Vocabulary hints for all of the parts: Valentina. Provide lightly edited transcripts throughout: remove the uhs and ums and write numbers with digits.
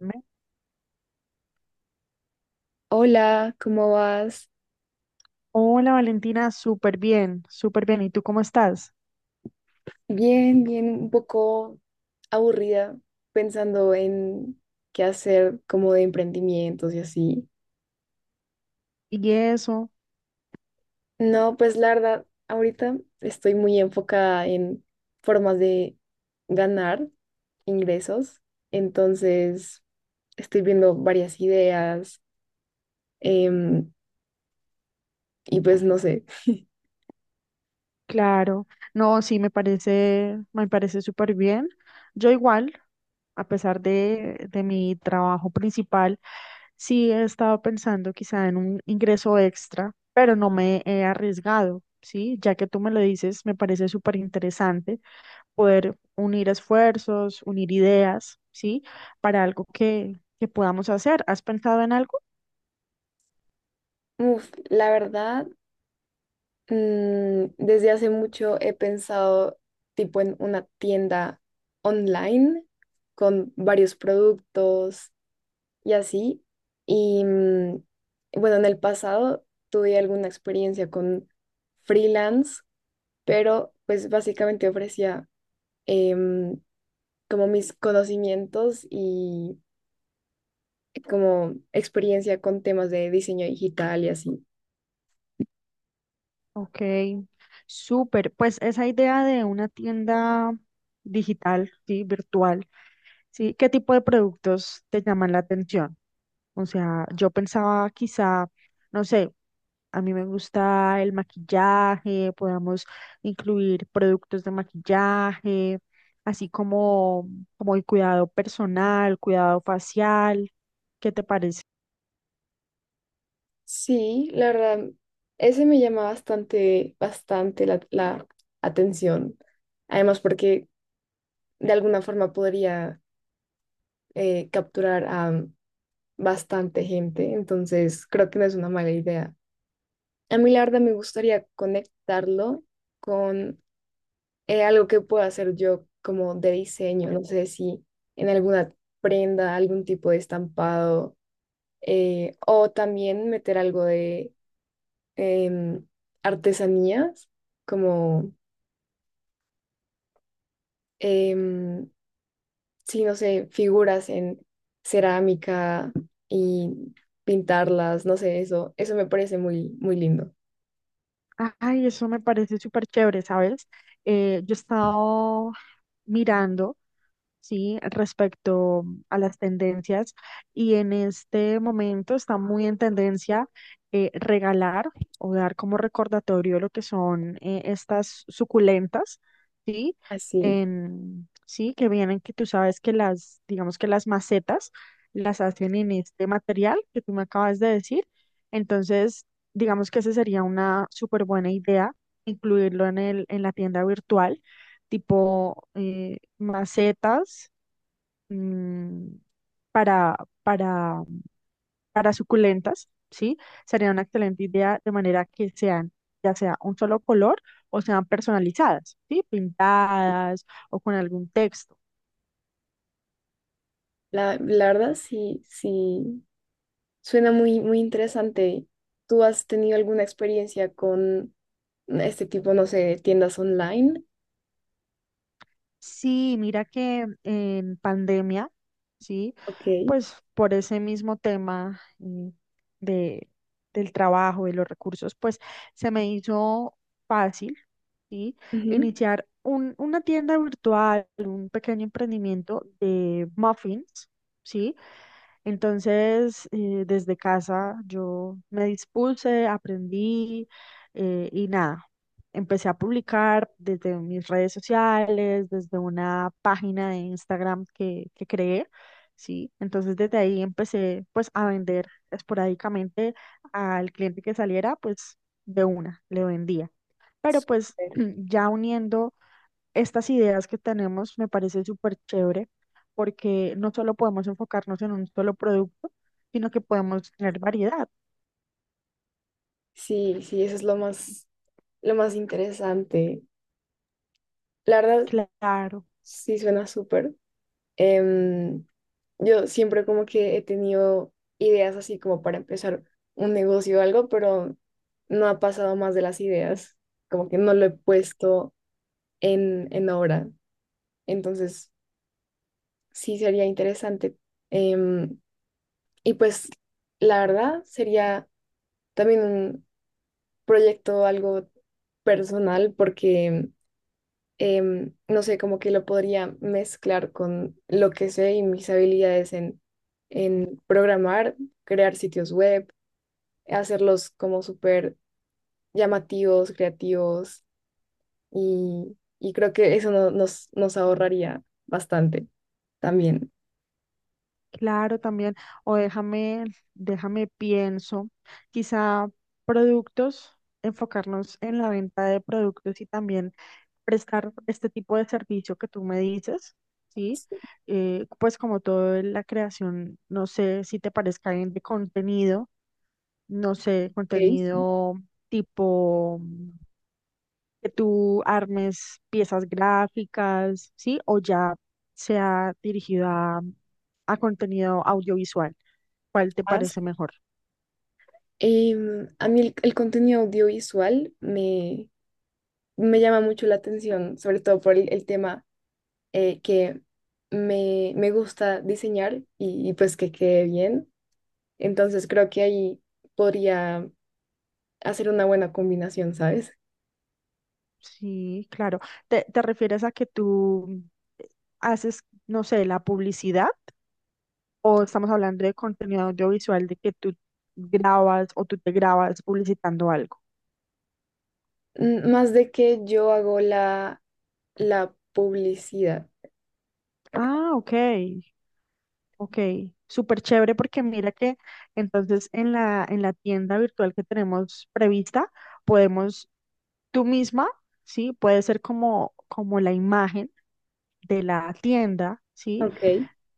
Me- Hola, ¿cómo vas? Hola Valentina, súper bien, súper bien. ¿Y tú cómo estás? Bien, bien, un poco aburrida pensando en qué hacer como de emprendimientos y así. Y eso, No, pues la verdad, ahorita estoy muy enfocada en formas de ganar ingresos, entonces estoy viendo varias ideas, em, y pues no sé. claro. No, sí, me parece súper bien. Yo igual, a pesar de mi trabajo principal, sí he estado pensando quizá en un ingreso extra, pero no me he arriesgado, ¿sí? Ya que tú me lo dices, me parece súper interesante poder unir esfuerzos, unir ideas, ¿sí? Para algo que podamos hacer. ¿Has pensado en algo? Uf, la verdad. Desde hace mucho he pensado tipo en una tienda online con varios productos y así. Y bueno, en el pasado tuve alguna experiencia con freelance, pero pues básicamente ofrecía, em, como mis conocimientos y como experiencia con temas de diseño digital y así. Ok, súper. Pues esa idea de una tienda digital, sí, virtual, sí, ¿qué tipo de productos te llaman la atención? O sea, yo pensaba quizá, no sé, a mí me gusta el maquillaje, podamos incluir productos de maquillaje, así como, como el cuidado personal, cuidado facial. ¿Qué te parece? Sí, la verdad, ese me llama bastante, bastante la atención. Además, porque de alguna forma podría, capturar a bastante gente, entonces creo que no es una mala idea. A mí, la verdad, me gustaría conectarlo con, algo que pueda hacer yo como de diseño, no sé si en alguna prenda, algún tipo de estampado, o también meter algo, em, artesanías, como, em, sí, no sé, figuras en cerámica y pintarlas, no sé, eso me parece muy, muy lindo. Ay, eso me parece súper chévere, ¿sabes? Yo he estado mirando, ¿sí? Respecto a las tendencias y en este momento está muy en tendencia regalar o dar como recordatorio lo que son estas suculentas, ¿sí? Así, En, sí, que vienen, que tú sabes que las, digamos que las macetas las hacen en este material que tú me acabas de decir. Entonces, digamos que esa sería una súper buena idea, incluirlo en la tienda virtual, tipo macetas mm, para, para, para suculentas, ¿sí? Sería una excelente idea de manera que sean, ya sea un solo color o sean personalizadas, ¿sí? Pintadas o con algún texto. la verdad sí, sí, suena muy, muy interesante. ¿Tú has tenido alguna experiencia con este tipo, no sé, de tiendas online? Sí, mira que en pandemia, sí, Ok. pues por ese mismo tema de, del trabajo, y los recursos, pues se me hizo fácil, ¿sí? Ujú. Iniciar un, una tienda virtual, un pequeño emprendimiento de muffins, ¿sí? Entonces, desde casa yo me dispuse, aprendí y nada, empecé a publicar desde mis redes sociales, desde una página de Instagram que creé, ¿sí? Entonces, desde ahí empecé pues a vender esporádicamente al cliente que saliera, pues de una, le vendía. Pero pues Súper. ya uniendo estas ideas que tenemos me parece súper chévere porque no solo podemos enfocarnos en un solo producto, sino que podemos tener variedad. Sí, sí, eso es lo más interesante. La verdad, Claro, sí, suena súper. Em, yo siempre como que he tenido ideas así como para empezar un negocio o algo, pero no ha pasado más de las ideas, como que no lo he puesto en obra. Entonces, sí sería interesante. Em, y pues, la verdad, sería también un proyecto algo personal porque, no sé, como que lo podría mezclar con lo que sé y mis habilidades en programar, crear sitios web, hacerlos como súper llamativos, creativos y creo que eso nos ahorraría bastante también. claro también. O déjame, déjame pienso, quizá productos, enfocarnos en la venta de productos y también prestar este tipo de servicio que tú me dices, ¿sí? Pues como todo en la creación, no sé si te parezca bien de contenido no sé, Ok. contenido tipo que tú armes piezas gráficas, ¿sí? O ya sea dirigido a contenido audiovisual. ¿Cuál te Más. parece mejor? A mí el contenido audiovisual me llama mucho la atención, sobre todo por el tema, que me gusta diseñar y pues que quede bien. Entonces creo que ahí podría hacer una buena combinación, ¿sabes? Sí, claro. ¿Te refieres a que tú haces, no sé, la publicidad? ¿O estamos hablando de contenido audiovisual de que tú grabas o tú te grabas publicitando algo? Más de que yo hago la publicidad. Ah, ok. Ok, súper chévere porque mira que entonces en la tienda virtual que tenemos prevista, podemos tú misma, ¿sí? Puede ser como, como la imagen de la tienda, ¿sí? Ok.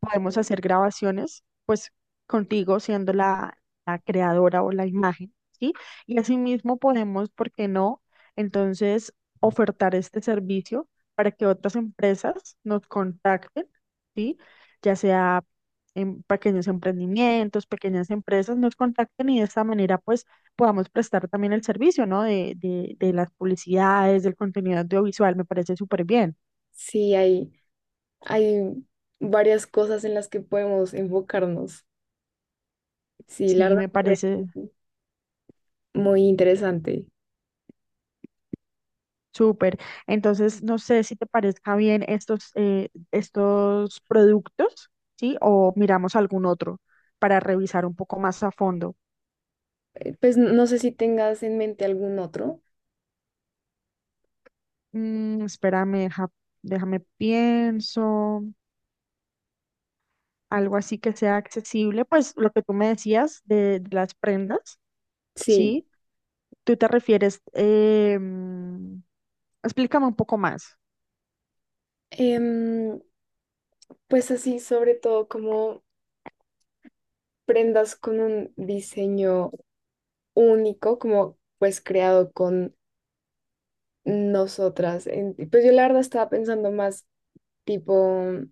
Podemos hacer grabaciones, pues contigo siendo la, la creadora o la imagen, ¿sí? Y asimismo podemos, ¿por qué no? Entonces, ofertar este servicio para que otras empresas nos contacten, ¿sí? Ya sea en pequeños emprendimientos, pequeñas empresas nos contacten y de esta manera, pues, podamos prestar también el servicio, ¿no? De las publicidades, del contenido audiovisual, me parece súper bien. Sí, hay varias cosas en las que podemos enfocarnos. Sí, la Sí, verdad me me parece parece muy interesante. Súper. Entonces, no sé si te parezca bien estos, estos productos, ¿sí? O miramos algún otro para revisar un poco más a fondo. Pues no sé si tengas en mente algún otro. Mm, espérame, déjame pienso. Algo así que sea accesible, pues lo que tú me decías de las prendas, Sí. ¿sí? Tú te refieres, explícame un poco más. Em, pues así, sobre todo como prendas con un diseño único, como pues creado con nosotras. Pues yo la verdad estaba pensando más tipo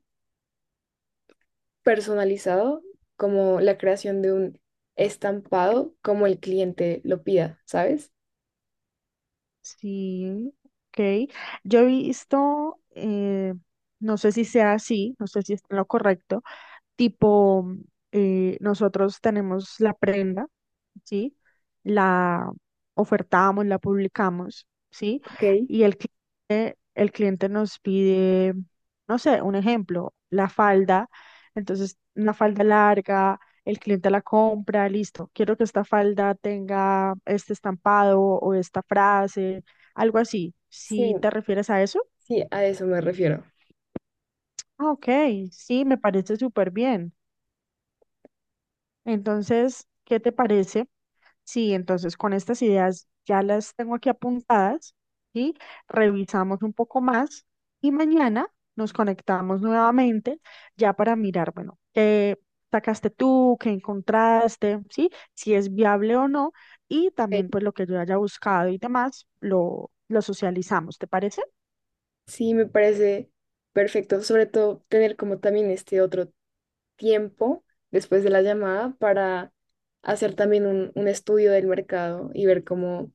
personalizado, como la creación de un estampado, como el cliente lo pida, ¿sabes? Sí, ok. Yo he visto, no sé si sea así, no sé si es lo correcto. Tipo, nosotros tenemos la prenda, ¿sí? La ofertamos, la publicamos, ¿sí? Ok. Y el cliente nos pide, no sé, un ejemplo, la falda. Entonces, una falda larga, el cliente la compra, listo. Quiero que esta falda tenga este estampado o esta frase, algo así. Si Sí, te refieres a eso, sí, a eso me refiero. ah, ok, sí, me parece súper bien. Entonces, ¿qué te parece? Sí, entonces con estas ideas ya las tengo aquí apuntadas, ¿sí? Revisamos un poco más y mañana nos conectamos nuevamente ya para mirar, bueno, qué sacaste tú, qué encontraste, ¿sí? Si es viable o no y también Ok. pues lo que yo haya buscado y demás, lo socializamos, ¿te parece? Sí, me parece perfecto, sobre todo tener como también este otro tiempo después de la llamada para hacer también un estudio del mercado y ver cómo,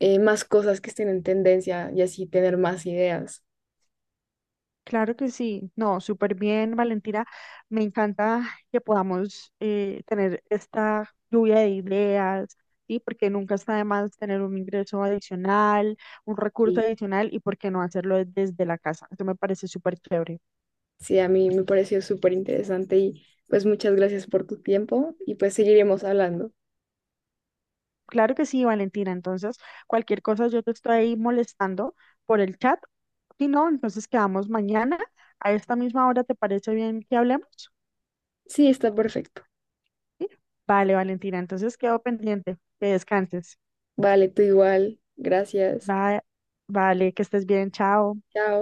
más cosas que estén en tendencia y así tener más ideas. Claro que sí, no, súper bien, Valentina. Me encanta que podamos tener esta lluvia de ideas, ¿sí? Porque nunca está de más tener un ingreso adicional, un recurso Y adicional y por qué no hacerlo desde la casa. Eso me parece súper chévere. sí, a mí me pareció súper interesante y pues muchas gracias por tu tiempo y pues seguiremos hablando. Claro que sí, Valentina. Entonces, cualquier cosa yo te estoy ahí molestando por el chat. Si no, entonces quedamos mañana a esta misma hora. ¿Te parece bien que hablemos? Sí, está perfecto. ¿Sí? Vale, Valentina. Entonces quedo pendiente. Que descanses. Vale, tú igual. Gracias. Va- vale, que estés bien, chao. Chao.